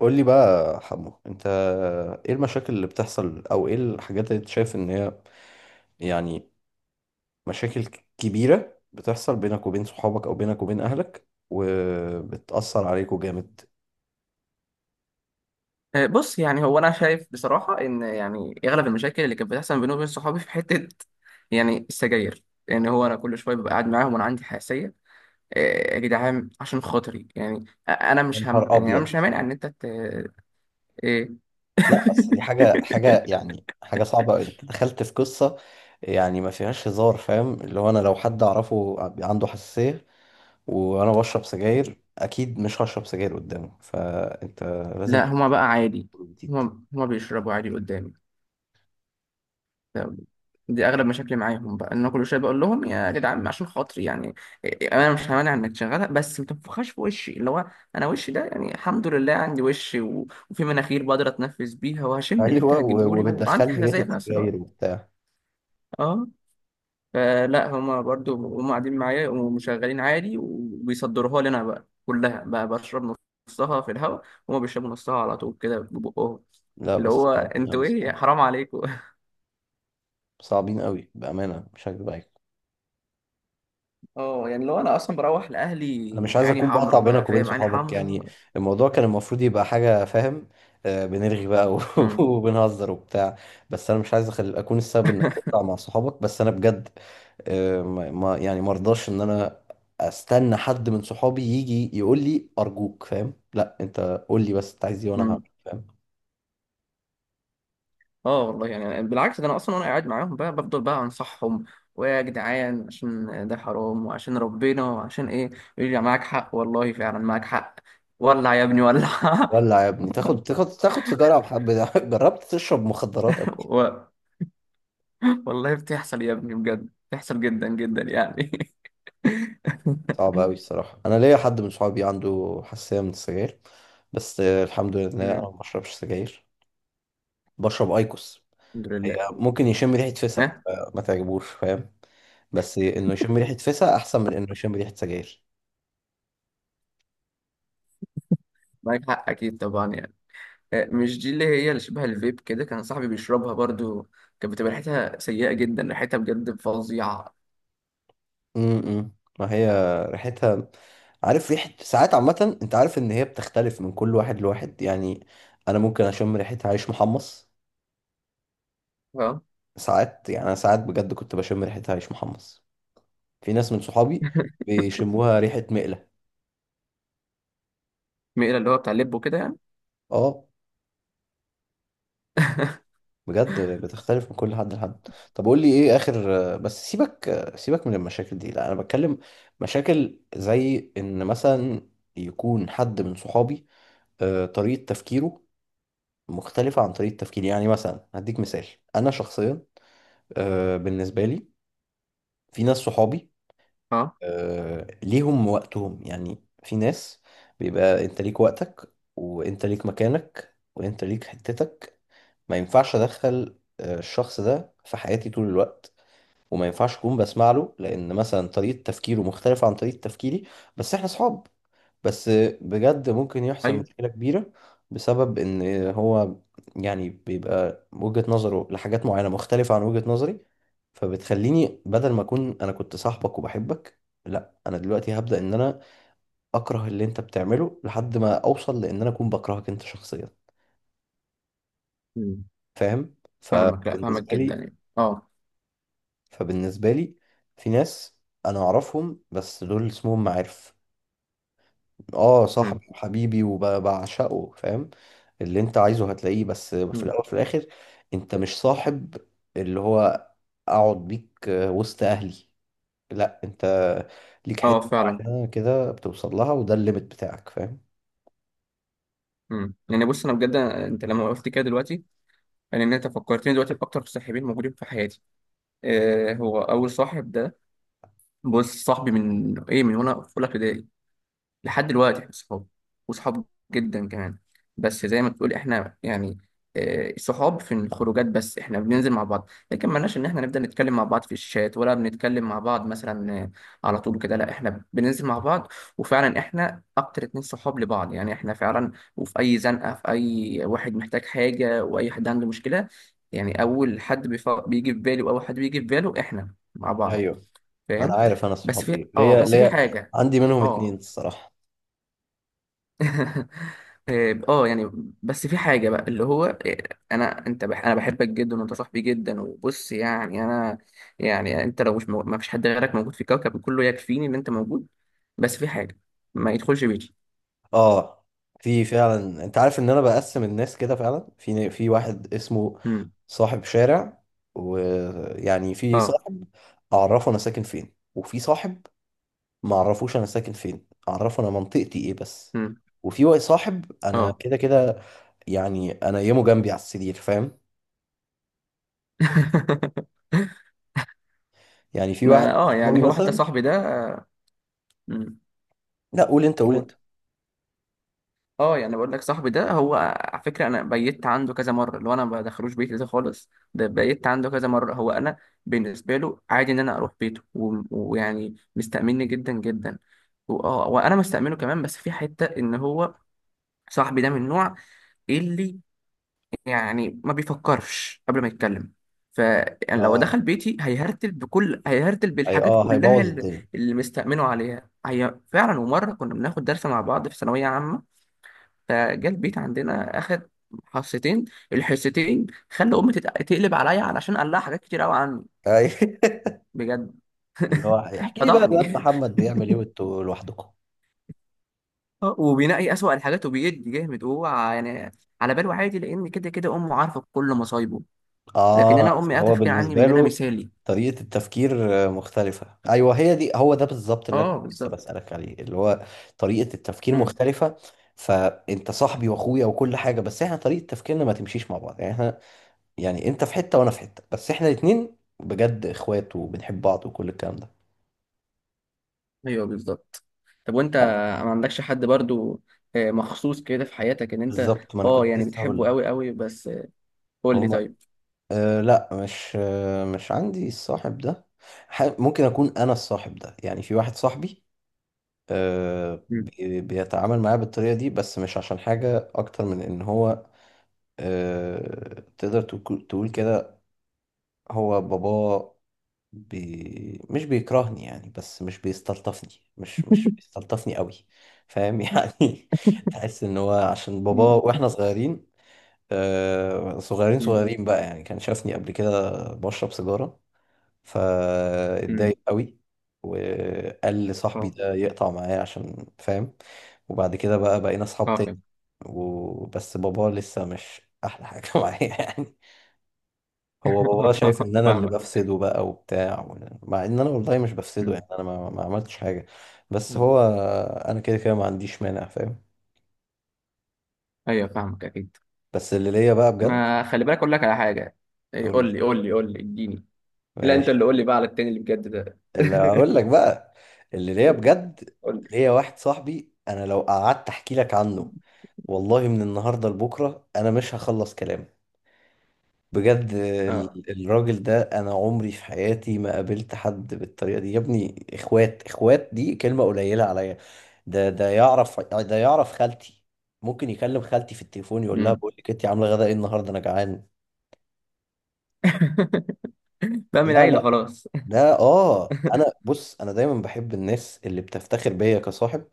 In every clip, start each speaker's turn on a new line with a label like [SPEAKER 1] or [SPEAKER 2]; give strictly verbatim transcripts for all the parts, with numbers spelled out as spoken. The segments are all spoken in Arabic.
[SPEAKER 1] قول لي بقى يا حمو، انت ايه المشاكل اللي بتحصل؟ او ايه الحاجات اللي انت شايف ان هي يعني مشاكل ك- كبيرة بتحصل بينك وبين صحابك او بينك وبين اهلك وبتأثر عليكوا جامد؟
[SPEAKER 2] آه، بص يعني هو انا شايف بصراحه ان يعني اغلب المشاكل اللي كانت بتحصل بيني وبين صحابي في حته يعني السجاير. يعني هو انا كل شويه ببقى قاعد معاهم وانا عندي حساسيه. آه، يا جدعان عشان خاطري يعني أ- انا
[SPEAKER 1] يا
[SPEAKER 2] مش هم،
[SPEAKER 1] نهار
[SPEAKER 2] يعني انا
[SPEAKER 1] ابيض!
[SPEAKER 2] مش همانع ان انت ت... ايه.
[SPEAKER 1] لا اصل دي حاجه حاجه يعني حاجه صعبه قوي، انت دخلت في قصه يعني ما فيهاش هزار. فاهم؟ اللي هو انا لو حد اعرفه عنده حساسيه وانا بشرب سجاير اكيد مش هشرب سجاير قدامه، فانت لازم
[SPEAKER 2] لا،
[SPEAKER 1] تحط
[SPEAKER 2] هما بقى عادي.
[SPEAKER 1] حدود.
[SPEAKER 2] هما هما بيشربوا عادي قدامي. دي اغلب مشاكلي معاهم، بقى ان انا كل شويه بقول لهم يا جدعان عشان خاطري يعني انا مش همانع انك تشغلها، بس ما تنفخهاش في وشي. اللي هو انا وشي ده يعني الحمد لله عندي وش و- وفي مناخير بقدر اتنفس بيها وهشم اللي انت
[SPEAKER 1] ايوه،
[SPEAKER 2] هتجيبه
[SPEAKER 1] و-
[SPEAKER 2] لي، وعندي
[SPEAKER 1] وبتدخلني ريحه
[SPEAKER 2] حساسيه في نفس
[SPEAKER 1] سجاير
[SPEAKER 2] الوقت.
[SPEAKER 1] وبتاع.
[SPEAKER 2] اه. فلا هما برضو هما قاعدين معايا ومشغلين عادي وبيصدروها لي، انا بقى كلها بقى بشرب نصها في الهواء، وهما بيشربوا نصها على طول كده ببقهم.
[SPEAKER 1] لا
[SPEAKER 2] اللي
[SPEAKER 1] بس
[SPEAKER 2] هو
[SPEAKER 1] صعبين قوي
[SPEAKER 2] انتوا ايه،
[SPEAKER 1] الصراحه،
[SPEAKER 2] حرام عليكم.
[SPEAKER 1] صعبين قوي بامانه، مش هكدب عليك.
[SPEAKER 2] اه يعني لو انا اصلا بروح لاهلي،
[SPEAKER 1] انا مش عايز
[SPEAKER 2] عيني
[SPEAKER 1] اكون بقطع
[SPEAKER 2] حمرا بقى
[SPEAKER 1] بينك وبين
[SPEAKER 2] فاهم، عيني
[SPEAKER 1] صحابك
[SPEAKER 2] حمرا.
[SPEAKER 1] يعني، الموضوع كان المفروض يبقى حاجه. فاهم؟ آه، بنرغي بقى و-
[SPEAKER 2] امم.
[SPEAKER 1] وبنهزر وبتاع. بس انا مش عايز أخل... اكون السبب انك تقطع مع صحابك، بس انا بجد آه، ما ما- يعني مرضاش ان انا استنى حد من صحابي يجي يقول لي ارجوك. فاهم؟ لا انت قول لي بس انت عايز ايه وانا
[SPEAKER 2] امم.
[SPEAKER 1] هعمل. فاهم؟
[SPEAKER 2] اه والله يعني بالعكس، ده انا اصلا وانا قاعد معاهم بقى بفضل بقى انصحهم، ويا جدعان عشان ده حرام وعشان ربنا وعشان ايه. يقول لي معاك حق والله، فعلا معاك حق. ولع يا ابني ولع.
[SPEAKER 1] ولع يا ابني، تاخد تاخد تاخد في جرعة بحب ده. جربت تشرب مخدرات قبل كده؟
[SPEAKER 2] و... والله بتحصل يا ابني، بجد بتحصل جدا جدا يعني.
[SPEAKER 1] صعب قوي الصراحة. انا ليا حد من صحابي عنده حساسية من السجاير، بس آه، الحمد لله انا ما
[SPEAKER 2] أمم،
[SPEAKER 1] بشربش سجاير، بشرب ايكوس.
[SPEAKER 2] الحمد
[SPEAKER 1] هي
[SPEAKER 2] لله.
[SPEAKER 1] ممكن يشم ريحة فسا
[SPEAKER 2] ها.
[SPEAKER 1] آه، ما تعجبوش فاهم، بس انه يشم ريحة فسا احسن من انه يشم ريحة سجاير.
[SPEAKER 2] معاك حق اكيد طبعا يعني. آه، مش دي اللي هي اللي شبه الفيب كده كان صاحبي بيشربها برضو؟ كانت بتبقى ريحتها سيئة جدا، ريحتها بجد فظيعة.
[SPEAKER 1] امم. ما هي ريحتها، عارف ريحة، ساعات عامة انت عارف ان هي بتختلف من كل واحد لواحد يعني. انا ممكن اشم ريحة عيش محمص
[SPEAKER 2] اه.
[SPEAKER 1] ساعات، يعني انا ساعات بجد كنت بشم ريحتها عيش محمص. في ناس من صحابي بيشموها ريحة مقلة.
[SPEAKER 2] ميلا اللي هو بتاع اللب وكده يعني.
[SPEAKER 1] اه، بجد بتختلف من كل حد لحد. طب قول لي ايه اخر بس. سيبك، سيبك من المشاكل دي. لا انا بتكلم مشاكل زي ان مثلا يكون حد من صحابي آه، طريقة تفكيره مختلفة عن طريقة تفكيري. يعني مثلا هديك مثال، انا شخصيا آه، بالنسبة لي، في ناس صحابي
[SPEAKER 2] اه.
[SPEAKER 1] آه، ليهم وقتهم. يعني في ناس بيبقى انت ليك وقتك وانت ليك مكانك وانت ليك حتتك، ما ينفعش ادخل آه، الشخص ده في حياتي طول الوقت، وما ينفعش اكون بسمع له لان مثلا طريقة تفكيره مختلفة عن طريقة تفكيري. بس احنا صحاب. بس بجد ممكن يحصل
[SPEAKER 2] ايوه.
[SPEAKER 1] مشكلة كبيرة بسبب ان هو يعني بيبقى وجهة نظره لحاجات معينة مختلفة عن وجهة نظري. فبتخليني بدل ما اكون انا كنت صاحبك وبحبك، لا انا دلوقتي هبدأ ان انا اكره اللي انت بتعمله لحد ما اوصل لان انا اكون بكرهك انت شخصيا.
[SPEAKER 2] مم.
[SPEAKER 1] فاهم؟
[SPEAKER 2] فاهمك، لا فاهمك
[SPEAKER 1] فبالنسبة
[SPEAKER 2] جدا
[SPEAKER 1] لي
[SPEAKER 2] يعني، اه.
[SPEAKER 1] فبالنسبة لي في ناس انا اعرفهم بس دول اسمهم معارف. اه،
[SPEAKER 2] مم.
[SPEAKER 1] صاحبي وحبيبي وبعشقه فاهم؟ اللي انت عايزه هتلاقيه، بس في
[SPEAKER 2] مم.
[SPEAKER 1] الاول وفي الاخر انت مش صاحب اللي هو اقعد بيك وسط اهلي. لا، انت ليك
[SPEAKER 2] اه
[SPEAKER 1] حته
[SPEAKER 2] فعلا.
[SPEAKER 1] معينه كده بتوصل لها وده الليميت بتاعك. فاهم؟
[SPEAKER 2] مم. يعني بص انا بجد، انت لما وقفت كده دلوقتي، يعني ان انت فكرتني دلوقتي باكتر صاحبين موجودين في حياتي. آه هو اول صاحب ده، بص صاحبي من ايه، من وانا في اولى ابتدائي لحد دلوقتي احنا صحاب، وصحاب جدا كمان. بس زي ما تقول احنا يعني آه، صحاب في الخروجات، بس احنا بننزل مع بعض، لكن مالناش ان احنا نبدأ نتكلم مع بعض في الشات، ولا بنتكلم مع بعض مثلا آه، على طول كده. لا احنا بننزل مع بعض، وفعلا احنا اكتر اتنين صحاب لبعض يعني، احنا فعلا، وفي اي زنقة في اي واحد محتاج حاجة واي حد عنده مشكلة، يعني اول حد بيف- بيجي في بالي واول حد بيجي في باله احنا مع بعض،
[SPEAKER 1] ايوه، انا
[SPEAKER 2] فاهم.
[SPEAKER 1] عارف. انا
[SPEAKER 2] بس
[SPEAKER 1] الصحاب
[SPEAKER 2] في
[SPEAKER 1] دي
[SPEAKER 2] اه
[SPEAKER 1] ليا
[SPEAKER 2] بس في
[SPEAKER 1] ليا،
[SPEAKER 2] حاجة.
[SPEAKER 1] عندي منهم اتنين
[SPEAKER 2] اه.
[SPEAKER 1] الصراحه.
[SPEAKER 2] إيه، اه يعني، بس في حاجة بقى اللي هو إيه، انا انت بح انا بحبك جدا، وانت صاحبي جدا، وبص يعني انا، يعني انت لو مش مو... ما فيش حد غيرك موجود في الكوكب كله، يكفيني ان انت موجود. بس في حاجة، ما يدخلش بيتي.
[SPEAKER 1] اه، في فعلا، انت عارف ان انا بقسم الناس كده فعلا. في في واحد اسمه
[SPEAKER 2] امم.
[SPEAKER 1] صاحب شارع، ويعني في
[SPEAKER 2] اه.
[SPEAKER 1] صاحب اعرفه انا ساكن فين، وفي صاحب ما اعرفوش انا ساكن فين، اعرفه انا منطقتي ايه بس.
[SPEAKER 2] امم.
[SPEAKER 1] وفي واحد صاحب انا
[SPEAKER 2] اه.
[SPEAKER 1] كده كده، يعني انا يمه جنبي على السرير. فاهم؟ يعني في واحد
[SPEAKER 2] ما اه
[SPEAKER 1] صحابي
[SPEAKER 2] يعني هو حتى
[SPEAKER 1] مثلا.
[SPEAKER 2] صاحبي ده آه، مم.
[SPEAKER 1] لا قول انت، قول
[SPEAKER 2] قول.
[SPEAKER 1] انت.
[SPEAKER 2] اه يعني بقول لك صاحبي ده هو على فكره انا بيت عنده كذا مره، اللي هو انا ما بدخلوش بيتي ده خالص، ده بيت عنده كذا مره. هو انا بالنسبه له عادي ان انا اروح بيته و- ويعني مستأمني جدا جدا، و- اه وانا مستأمنه كمان، بس في حته ان هو صاحبي ده من النوع اللي يعني ما بيفكرش قبل ما يتكلم. ف يعني لو
[SPEAKER 1] اه،
[SPEAKER 2] دخل بيتي هيهرتل بكل هيهرتل
[SPEAKER 1] اي،
[SPEAKER 2] بالحاجات
[SPEAKER 1] اه،
[SPEAKER 2] كلها
[SPEAKER 1] هيبوظ
[SPEAKER 2] اللي
[SPEAKER 1] الدنيا.
[SPEAKER 2] اللي مستأمنه عليها هي فعلا. ومره كنا بناخد درس مع بعض في ثانويه عامه، فجا البيت عندنا اخد حصتين، الحصتين خلى امي تت- تقلب عليا علشان قال لها حاجات كتير قوي عني،
[SPEAKER 1] أي.
[SPEAKER 2] بجد
[SPEAKER 1] اللي هو احكي لي بقى
[SPEAKER 2] فضحني.
[SPEAKER 1] الواد محمد بيعمل ايه وانتوا لوحدكم.
[SPEAKER 2] وبينقي اسوأ الحاجات وبيدي جامد هو يعني على باله عادي، لان كده كده امه عارفه كل مصايبه، لكن
[SPEAKER 1] اه،
[SPEAKER 2] انا امي قاعده
[SPEAKER 1] هو
[SPEAKER 2] فاكره عني من
[SPEAKER 1] بالنسبة
[SPEAKER 2] ان انا
[SPEAKER 1] له
[SPEAKER 2] مثالي.
[SPEAKER 1] طريقة التفكير آه، مختلفة. ايوه، هي دي، هو ده بالظبط اللي أنا
[SPEAKER 2] اه
[SPEAKER 1] كنت لسه
[SPEAKER 2] بالظبط.
[SPEAKER 1] بسألك عليه، اللي هو طريقة التفكير
[SPEAKER 2] امم.
[SPEAKER 1] مختلفة. فانت صاحبي واخويا وكل حاجة، بس احنا طريقة تفكيرنا ما تمشيش مع بعض. يعني احنا يعني انت في حتة وانا في حتة، بس احنا الاتنين بجد اخوات وبنحب بعض وكل الكلام ده.
[SPEAKER 2] ايوه بالظبط. طب وانت ما عندكش حد برضو آه، مخصوص كده في حياتك ان انت
[SPEAKER 1] بالظبط، ما انا
[SPEAKER 2] اه
[SPEAKER 1] كنت
[SPEAKER 2] يعني
[SPEAKER 1] لسه هقول
[SPEAKER 2] بتحبه
[SPEAKER 1] لك.
[SPEAKER 2] قوي قوي؟ بس آه، قول لي
[SPEAKER 1] هما
[SPEAKER 2] طيب.
[SPEAKER 1] آه، لا مش آه مش عندي الصاحب ده. ح- ممكن اكون انا الصاحب ده. يعني في واحد صاحبي آه،
[SPEAKER 2] مم.
[SPEAKER 1] بي- بيتعامل معاه بالطريقة دي، بس مش عشان حاجة أكتر من إن هو آه، تقدر تكو- تقول كده، هو بابا بي مش بيكرهني يعني، بس مش بيستلطفني. مش مش بيستلطفني قوي. فاهم؟ يعني تحس إن هو عشان بابا
[SPEAKER 2] مم.
[SPEAKER 1] وإحنا صغيرين آه، صغيرين
[SPEAKER 2] مم.
[SPEAKER 1] صغيرين بقى يعني كان شافني قبل كده بشرب سيجارة
[SPEAKER 2] مم.
[SPEAKER 1] فاتضايق قوي، وقال لصاحبي
[SPEAKER 2] اه.
[SPEAKER 1] ده يقطع معايا عشان فاهم. وبعد كده بقى بقينا اصحاب
[SPEAKER 2] اه.
[SPEAKER 1] تاني. وبس بابا لسه مش احلى حاجة معايا يعني. هو بابا شايف ان انا اللي
[SPEAKER 2] فاهمك.
[SPEAKER 1] بفسده بقى وبتاع، و- مع ان انا والله مش بفسده
[SPEAKER 2] مم.
[SPEAKER 1] يعني. انا ما, ما عملتش حاجة. بس
[SPEAKER 2] مم.
[SPEAKER 1] هو، انا كده كده ما عنديش مانع فاهم.
[SPEAKER 2] ايوه فاهمك اكيد.
[SPEAKER 1] بس اللي ليا بقى بجد.
[SPEAKER 2] ما خلي بالك اقول لك على حاجه. إيه،
[SPEAKER 1] قول
[SPEAKER 2] قول
[SPEAKER 1] لي،
[SPEAKER 2] لي قول لي قول لي اديني. لا انت
[SPEAKER 1] ماشي.
[SPEAKER 2] اللي قول لي بقى على التاني اللي بجد ده.
[SPEAKER 1] اللي هقول لك بقى، اللي ليا بجد،
[SPEAKER 2] قول لي.
[SPEAKER 1] ليا واحد صاحبي انا لو قعدت احكي لك عنه، والله من النهارده لبكره انا مش هخلص كلام. بجد
[SPEAKER 2] اه.
[SPEAKER 1] ال- الراجل ده، انا عمري في حياتي ما قابلت حد بالطريقه دي يا ابني. اخوات اخوات دي كلمه قليله عليا. ده ده يعرف ده يعرف خالتي. ممكن يكلم خالتي في التليفون يقول لها:
[SPEAKER 2] مم.
[SPEAKER 1] بقول لك انت عامله غدا ايه النهارده، انا جعان.
[SPEAKER 2] بقى من
[SPEAKER 1] لا
[SPEAKER 2] عيله
[SPEAKER 1] لا.
[SPEAKER 2] خلاص.
[SPEAKER 1] ده، اه، انا بص، انا دايما بحب الناس اللي بتفتخر بيا كصاحب،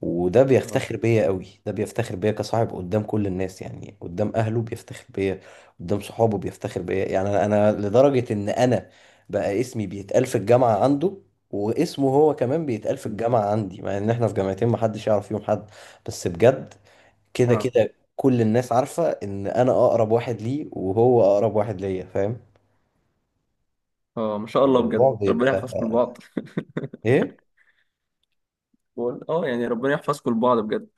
[SPEAKER 1] وده
[SPEAKER 2] اه.
[SPEAKER 1] بيفتخر بيا قوي. ده بيفتخر بيا كصاحب قدام كل الناس، يعني قدام اهله بيفتخر بيا، قدام صحابه بيفتخر بيا. يعني انا أنا لدرجة ان انا بقى اسمي بيتقال في الجامعة عنده، واسمه هو كمان بيتقال في
[SPEAKER 2] مم.
[SPEAKER 1] الجامعة عندي، مع ان احنا في جامعتين محدش يعرف فيهم حد. بس بجد كده
[SPEAKER 2] اه.
[SPEAKER 1] كده كل الناس عارفة ان انا اقرب واحد ليه وهو اقرب واحد ليا. فاهم؟
[SPEAKER 2] اه ما شاء الله، بجد
[SPEAKER 1] الموضوع
[SPEAKER 2] ربنا
[SPEAKER 1] بيبقى
[SPEAKER 2] يحفظكم لبعض.
[SPEAKER 1] ايه؟
[SPEAKER 2] بقول اه يعني ربنا يحفظكم لبعض بجد.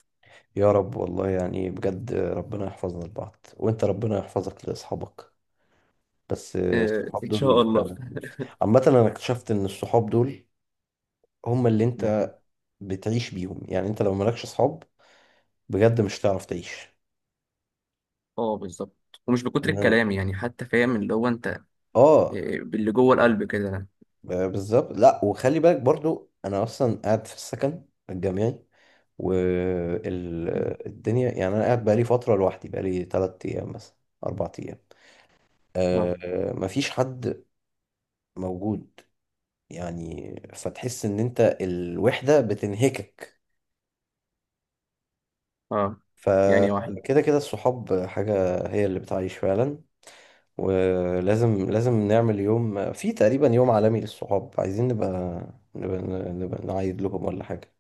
[SPEAKER 1] يا رب والله، يعني بجد ربنا يحفظنا لبعض، وانت ربنا يحفظك لاصحابك. بس
[SPEAKER 2] آه
[SPEAKER 1] الصحاب
[SPEAKER 2] ان شاء
[SPEAKER 1] دول
[SPEAKER 2] الله.
[SPEAKER 1] فعلا، عامة انا اكتشفت ان الصحاب دول هم اللي
[SPEAKER 2] مم.
[SPEAKER 1] انت بتعيش بيهم. يعني انت لو مالكش صحاب بجد مش هتعرف تعيش.
[SPEAKER 2] اه بالظبط، ومش بكتر
[SPEAKER 1] ان،
[SPEAKER 2] الكلام يعني حتى فاهم اللي هو انت
[SPEAKER 1] اه،
[SPEAKER 2] آه، باللي جوه القلب كده.
[SPEAKER 1] ب- بالظبط. لا وخلي بالك برضو انا اصلا قاعد في السكن الجامعي،
[SPEAKER 2] مم.
[SPEAKER 1] والدنيا يعني، انا قاعد بقالي فترة لوحدي، بقالي تلات ايام مثلا، اربع ايام
[SPEAKER 2] اه.
[SPEAKER 1] آه، مفيش حد موجود. يعني فتحس ان انت الوحدة بتنهكك.
[SPEAKER 2] اه يعني واحد
[SPEAKER 1] فكده كده الصحاب حاجة هي اللي بتعيش فعلا. ولازم لازم نعمل يوم في تقريبا يوم عالمي للصحاب، عايزين نبقى نبقى, نبقى نعيد لكم ولا حاجة